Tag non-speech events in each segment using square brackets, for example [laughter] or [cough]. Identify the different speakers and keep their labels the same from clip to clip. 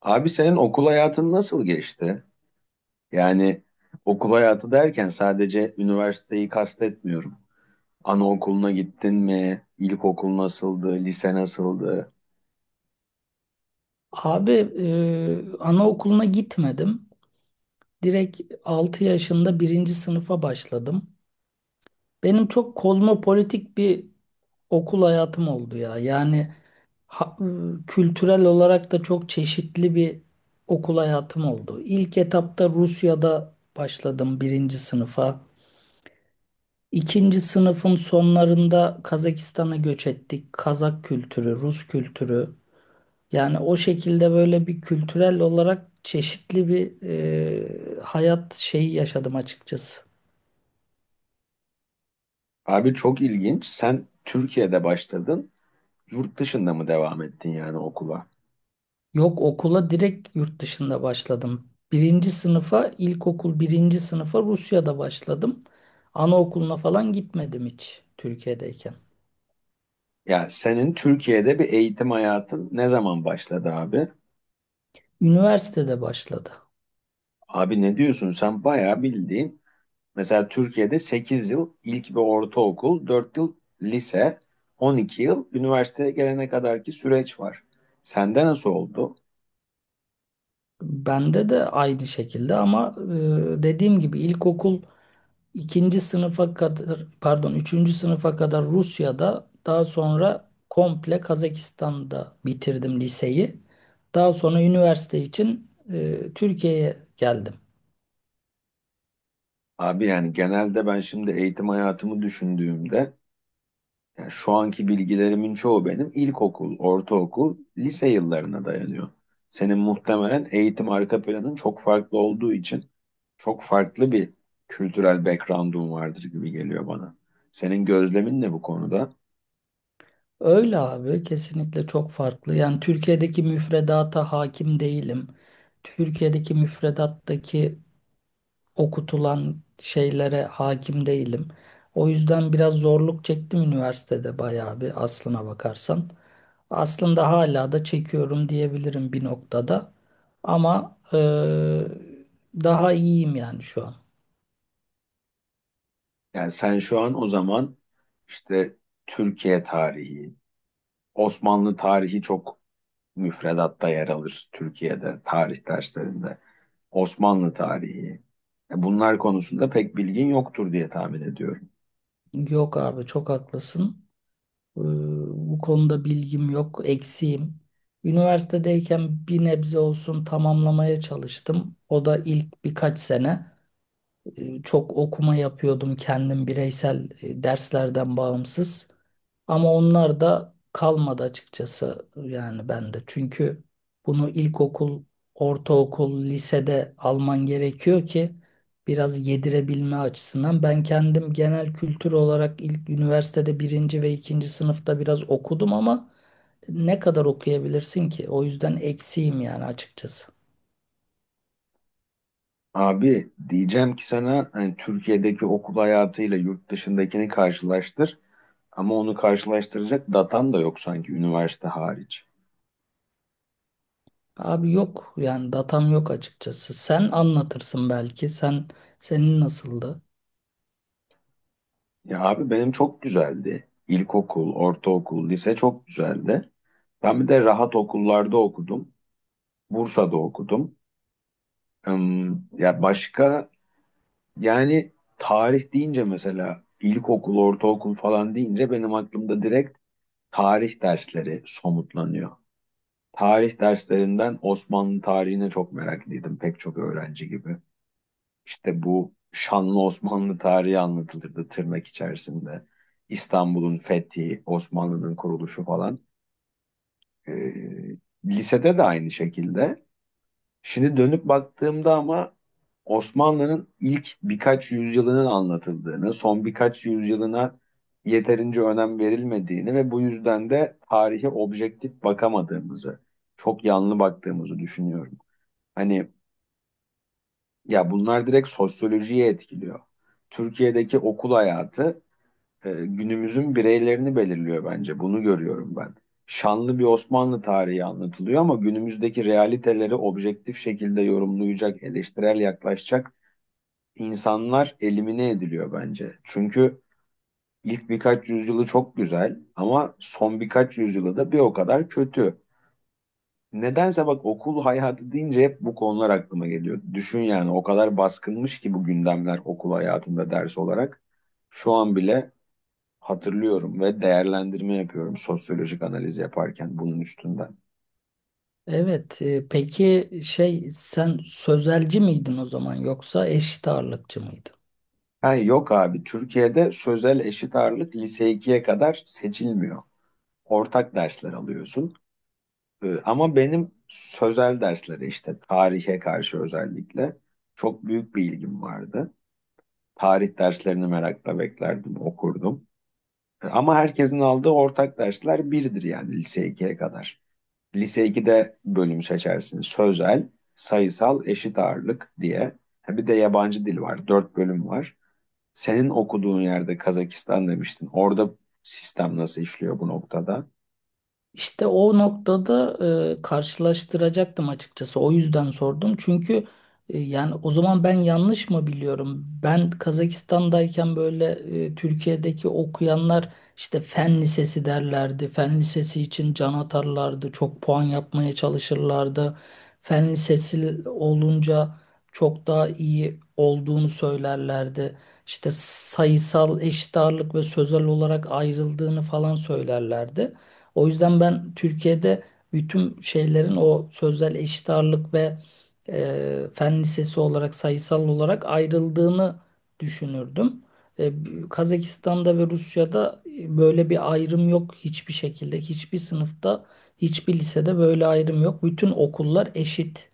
Speaker 1: Abi senin okul hayatın nasıl geçti? Yani okul hayatı derken sadece üniversiteyi kastetmiyorum. Anaokuluna gittin mi? İlkokul nasıldı? Lise nasıldı?
Speaker 2: Abi, anaokuluna gitmedim. Direkt 6 yaşında birinci sınıfa başladım. Benim çok kozmopolitik bir okul hayatım oldu ya. Yani ha- e, kültürel olarak da çok çeşitli bir okul hayatım oldu. İlk etapta Rusya'da başladım birinci sınıfa. İkinci sınıfın sonlarında Kazakistan'a göç ettik. Kazak kültürü, Rus kültürü. Yani o şekilde böyle bir kültürel olarak çeşitli bir hayat şeyi yaşadım açıkçası.
Speaker 1: Abi çok ilginç. Sen Türkiye'de başladın. Yurt dışında mı devam ettin yani okula?
Speaker 2: Yok, okula direkt yurt dışında başladım. Birinci sınıfa, ilkokul birinci sınıfa Rusya'da başladım. Anaokuluna falan gitmedim hiç Türkiye'deyken.
Speaker 1: Ya senin Türkiye'de bir eğitim hayatın ne zaman başladı abi?
Speaker 2: Üniversitede başladı.
Speaker 1: Abi ne diyorsun? Sen bayağı bildiğin. Mesela Türkiye'de 8 yıl ilk ve ortaokul, 4 yıl lise, 12 yıl üniversiteye gelene kadarki süreç var. Sende nasıl oldu?
Speaker 2: Bende de aynı şekilde ama dediğim gibi ilkokul İkinci sınıfa kadar, pardon, üçüncü sınıfa kadar Rusya'da, daha sonra komple Kazakistan'da bitirdim liseyi. Daha sonra üniversite için Türkiye'ye geldim.
Speaker 1: Abi yani genelde ben şimdi eğitim hayatımı düşündüğümde yani şu anki bilgilerimin çoğu benim ilkokul, ortaokul, lise yıllarına dayanıyor. Senin muhtemelen eğitim arka planın çok farklı olduğu için çok farklı bir kültürel background'un vardır gibi geliyor bana. Senin gözlemin ne bu konuda?
Speaker 2: Öyle abi, kesinlikle çok farklı. Yani Türkiye'deki müfredata hakim değilim. Türkiye'deki müfredattaki okutulan şeylere hakim değilim. O yüzden biraz zorluk çektim üniversitede, bayağı bir aslına bakarsan. Aslında hala da çekiyorum diyebilirim bir noktada. Ama daha iyiyim yani şu an.
Speaker 1: Yani sen şu an o zaman işte Türkiye tarihi, Osmanlı tarihi çok müfredatta yer alır Türkiye'de tarih derslerinde. Osmanlı tarihi. Bunlar konusunda pek bilgin yoktur diye tahmin ediyorum.
Speaker 2: Yok abi, çok haklısın. Eee, bu konuda bilgim yok, eksiğim. Üniversitedeyken bir nebze olsun tamamlamaya çalıştım. O da ilk birkaç sene. Çok okuma yapıyordum kendim bireysel, derslerden bağımsız. Ama onlar da kalmadı açıkçası yani bende. Çünkü bunu ilkokul, ortaokul, lisede alman gerekiyor ki biraz yedirebilme açısından. Ben kendim genel kültür olarak ilk üniversitede birinci ve ikinci sınıfta biraz okudum ama ne kadar okuyabilirsin ki? O yüzden eksiğim yani açıkçası.
Speaker 1: Abi diyeceğim ki sana hani Türkiye'deki okul hayatıyla yurt dışındakini karşılaştır ama onu karşılaştıracak datan da yok sanki üniversite hariç.
Speaker 2: Abi yok yani, datam yok açıkçası. Sen anlatırsın belki. Senin nasıldı?
Speaker 1: Ya abi benim çok güzeldi. İlkokul, ortaokul, lise çok güzeldi. Ben bir de rahat okullarda okudum. Bursa'da okudum. Ya başka yani tarih deyince mesela ilkokul, ortaokul falan deyince benim aklımda direkt tarih dersleri somutlanıyor. Tarih derslerinden Osmanlı tarihine çok meraklıydım pek çok öğrenci gibi. İşte bu şanlı Osmanlı tarihi anlatılırdı tırnak içerisinde. İstanbul'un fethi, Osmanlı'nın kuruluşu falan. Ee, lisede de aynı şekilde. Şimdi dönüp baktığımda ama Osmanlı'nın ilk birkaç yüzyılının anlatıldığını, son birkaç yüzyılına yeterince önem verilmediğini ve bu yüzden de tarihe objektif bakamadığımızı, çok yanlı baktığımızı düşünüyorum. Hani ya bunlar direkt sosyolojiye etkiliyor. Türkiye'deki okul hayatı günümüzün bireylerini belirliyor bence. Bunu görüyorum ben. Şanlı bir Osmanlı tarihi anlatılıyor ama günümüzdeki realiteleri objektif şekilde yorumlayacak, eleştirel yaklaşacak insanlar elimine ediliyor bence. Çünkü ilk birkaç yüzyılı çok güzel ama son birkaç yüzyılı da bir o kadar kötü. Nedense bak okul hayatı deyince hep bu konular aklıma geliyor. Düşün yani o kadar baskınmış ki bu gündemler okul hayatında ders olarak. Şu an bile hatırlıyorum ve değerlendirme yapıyorum sosyolojik analiz yaparken bunun üstünden.
Speaker 2: Evet. Peki şey, sen sözelci miydin o zaman yoksa eşit ağırlıkçı mıydın?
Speaker 1: Ha, yok abi Türkiye'de sözel eşit ağırlık lise ikiye kadar seçilmiyor. Ortak dersler alıyorsun. Ama benim sözel derslere işte tarihe karşı özellikle çok büyük bir ilgim vardı. Tarih derslerini merakla beklerdim, okurdum. Ama herkesin aldığı ortak dersler birdir yani lise ikiye kadar. Lise 2'de bölüm seçersin. Sözel, sayısal, eşit ağırlık diye. Ha, bir de yabancı dil var. Dört bölüm var. Senin okuduğun yerde Kazakistan demiştin. Orada sistem nasıl işliyor bu noktada?
Speaker 2: İşte o noktada karşılaştıracaktım açıkçası. O yüzden sordum. Çünkü yani o zaman ben yanlış mı biliyorum? Ben Kazakistan'dayken böyle Türkiye'deki okuyanlar işte fen lisesi derlerdi. Fen lisesi için can atarlardı. Çok puan yapmaya çalışırlardı. Fen lisesi olunca çok daha iyi olduğunu söylerlerdi. İşte sayısal, eşit ağırlık ve sözel olarak ayrıldığını falan söylerlerdi. O yüzden ben Türkiye'de bütün şeylerin o sözel, eşit ağırlık ve fen lisesi olarak sayısal olarak ayrıldığını düşünürdüm. E, Kazakistan'da ve Rusya'da böyle bir ayrım yok hiçbir şekilde. Hiçbir sınıfta, hiçbir lisede böyle ayrım yok. Bütün okullar eşit.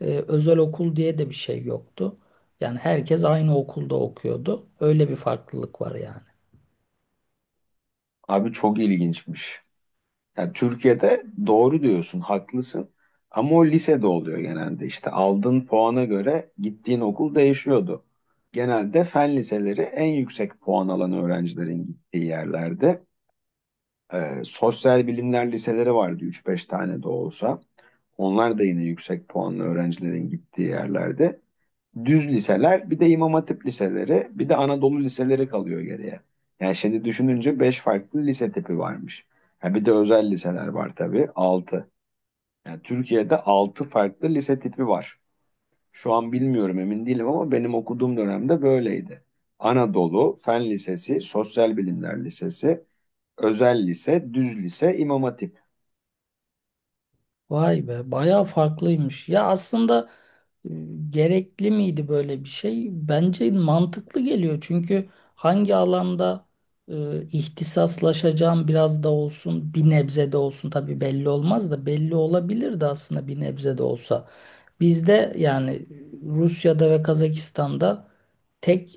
Speaker 2: Özel okul diye de bir şey yoktu. Yani herkes aynı okulda okuyordu. Öyle bir farklılık var yani.
Speaker 1: Abi çok ilginçmiş. Yani Türkiye'de doğru diyorsun, haklısın. Ama o lisede oluyor genelde. İşte aldığın puana göre gittiğin okul değişiyordu. Genelde fen liseleri en yüksek puan alan öğrencilerin gittiği yerlerde. Sosyal bilimler liseleri vardı üç beş tane de olsa. Onlar da yine yüksek puanlı öğrencilerin gittiği yerlerde. Düz liseler, bir de İmam Hatip liseleri, bir de Anadolu liseleri kalıyor geriye. Yani şimdi düşününce 5 farklı lise tipi varmış. Ha bir de özel liseler var tabii 6. Yani Türkiye'de 6 farklı lise tipi var. Şu an bilmiyorum emin değilim ama benim okuduğum dönemde böyleydi. Anadolu, Fen Lisesi, Sosyal Bilimler Lisesi, Özel Lise, Düz Lise, İmam Hatip.
Speaker 2: Vay be, bayağı farklıymış. Ya aslında e, gerekli miydi böyle bir şey? Bence mantıklı geliyor. Çünkü hangi alanda ihtisaslaşacağım biraz da olsun, bir nebze de olsun, tabii belli olmaz da belli olabilirdi aslında bir nebze de olsa. Bizde yani Rusya'da ve Kazakistan'da tek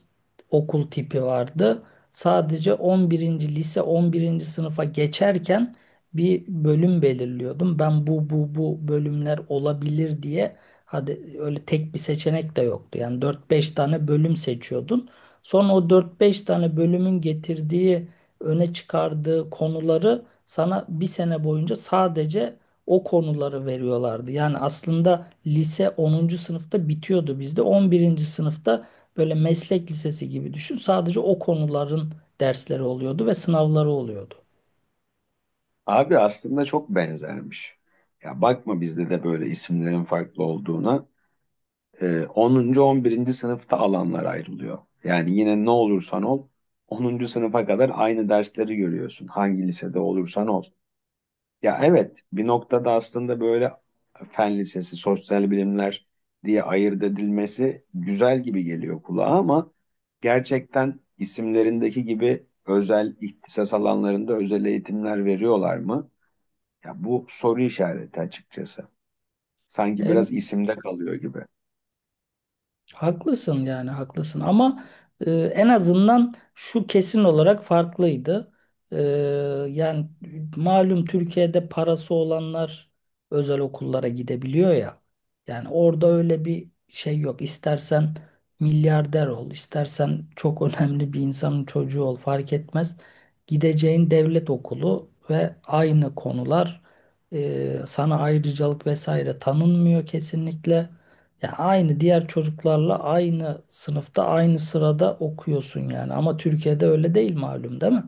Speaker 2: okul tipi vardı. Sadece 11. lise 11. sınıfa geçerken bir bölüm belirliyordum. Ben bu bölümler olabilir diye, hadi öyle tek bir seçenek de yoktu. Yani dört beş tane bölüm seçiyordun. Sonra o dört beş tane bölümün getirdiği, öne çıkardığı konuları sana bir sene boyunca sadece o konuları veriyorlardı. Yani aslında lise 10. sınıfta bitiyordu bizde. 11. sınıfta böyle meslek lisesi gibi düşün. Sadece o konuların dersleri oluyordu ve sınavları oluyordu.
Speaker 1: Abi aslında çok benzermiş. Ya bakma bizde de böyle isimlerin farklı olduğuna. 10. 11. sınıfta alanlar ayrılıyor. Yani yine ne olursan ol 10. sınıfa kadar aynı dersleri görüyorsun. Hangi lisede olursan ol. Ya evet bir noktada aslında böyle fen lisesi, sosyal bilimler diye ayırt edilmesi güzel gibi geliyor kulağa ama gerçekten isimlerindeki gibi özel ihtisas alanlarında özel eğitimler veriyorlar mı? Ya bu soru işareti açıkçası. Sanki biraz isimde kalıyor gibi.
Speaker 2: Haklısın yani, haklısın ama en azından şu kesin olarak farklıydı. E, yani malum, Türkiye'de parası olanlar özel okullara gidebiliyor ya. Yani orada öyle bir şey yok. İstersen milyarder ol, istersen çok [laughs] önemli bir insanın çocuğu ol, fark etmez. Gideceğin devlet okulu ve aynı konular, sana ayrıcalık vesaire tanınmıyor kesinlikle. Ya aynı, diğer çocuklarla aynı sınıfta aynı sırada okuyorsun yani, ama Türkiye'de öyle değil malum, değil mi?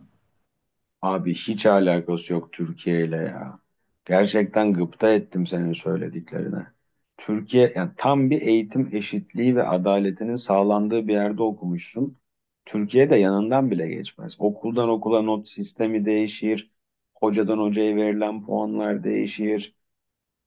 Speaker 1: Abi hiç alakası yok Türkiye ile ya. Gerçekten gıpta ettim senin söylediklerine. Türkiye yani tam bir eğitim eşitliği ve adaletinin sağlandığı bir yerde okumuşsun. Türkiye'de yanından bile geçmez. Okuldan okula not sistemi değişir. Hocadan hocaya verilen puanlar değişir.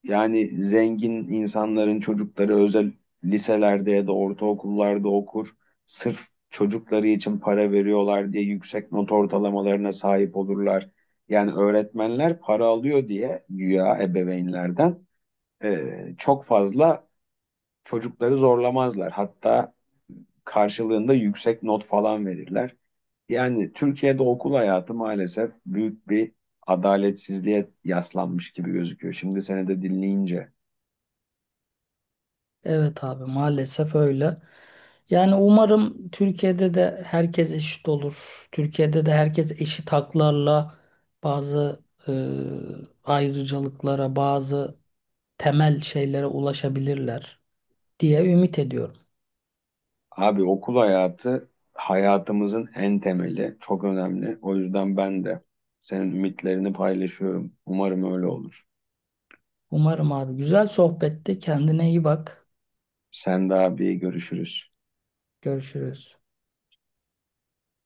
Speaker 1: Yani zengin insanların çocukları özel liselerde ya da ortaokullarda okur. Sırf çocukları için para veriyorlar diye yüksek not ortalamalarına sahip olurlar. Yani öğretmenler para alıyor diye güya ebeveynlerden çok fazla çocukları zorlamazlar. Hatta karşılığında yüksek not falan verirler. Yani Türkiye'de okul hayatı maalesef büyük bir adaletsizliğe yaslanmış gibi gözüküyor. Şimdi seni de dinleyince.
Speaker 2: Evet abi, maalesef öyle. Yani umarım Türkiye'de de herkes eşit olur. Türkiye'de de herkes eşit haklarla bazı e, ayrıcalıklara, bazı temel şeylere ulaşabilirler diye ümit ediyorum.
Speaker 1: Abi okul hayatı hayatımızın en temeli, çok önemli. O yüzden ben de senin ümitlerini paylaşıyorum. Umarım öyle olur.
Speaker 2: Umarım abi, güzel sohbetti. Kendine iyi bak.
Speaker 1: Sen de abi görüşürüz.
Speaker 2: Görüşürüz.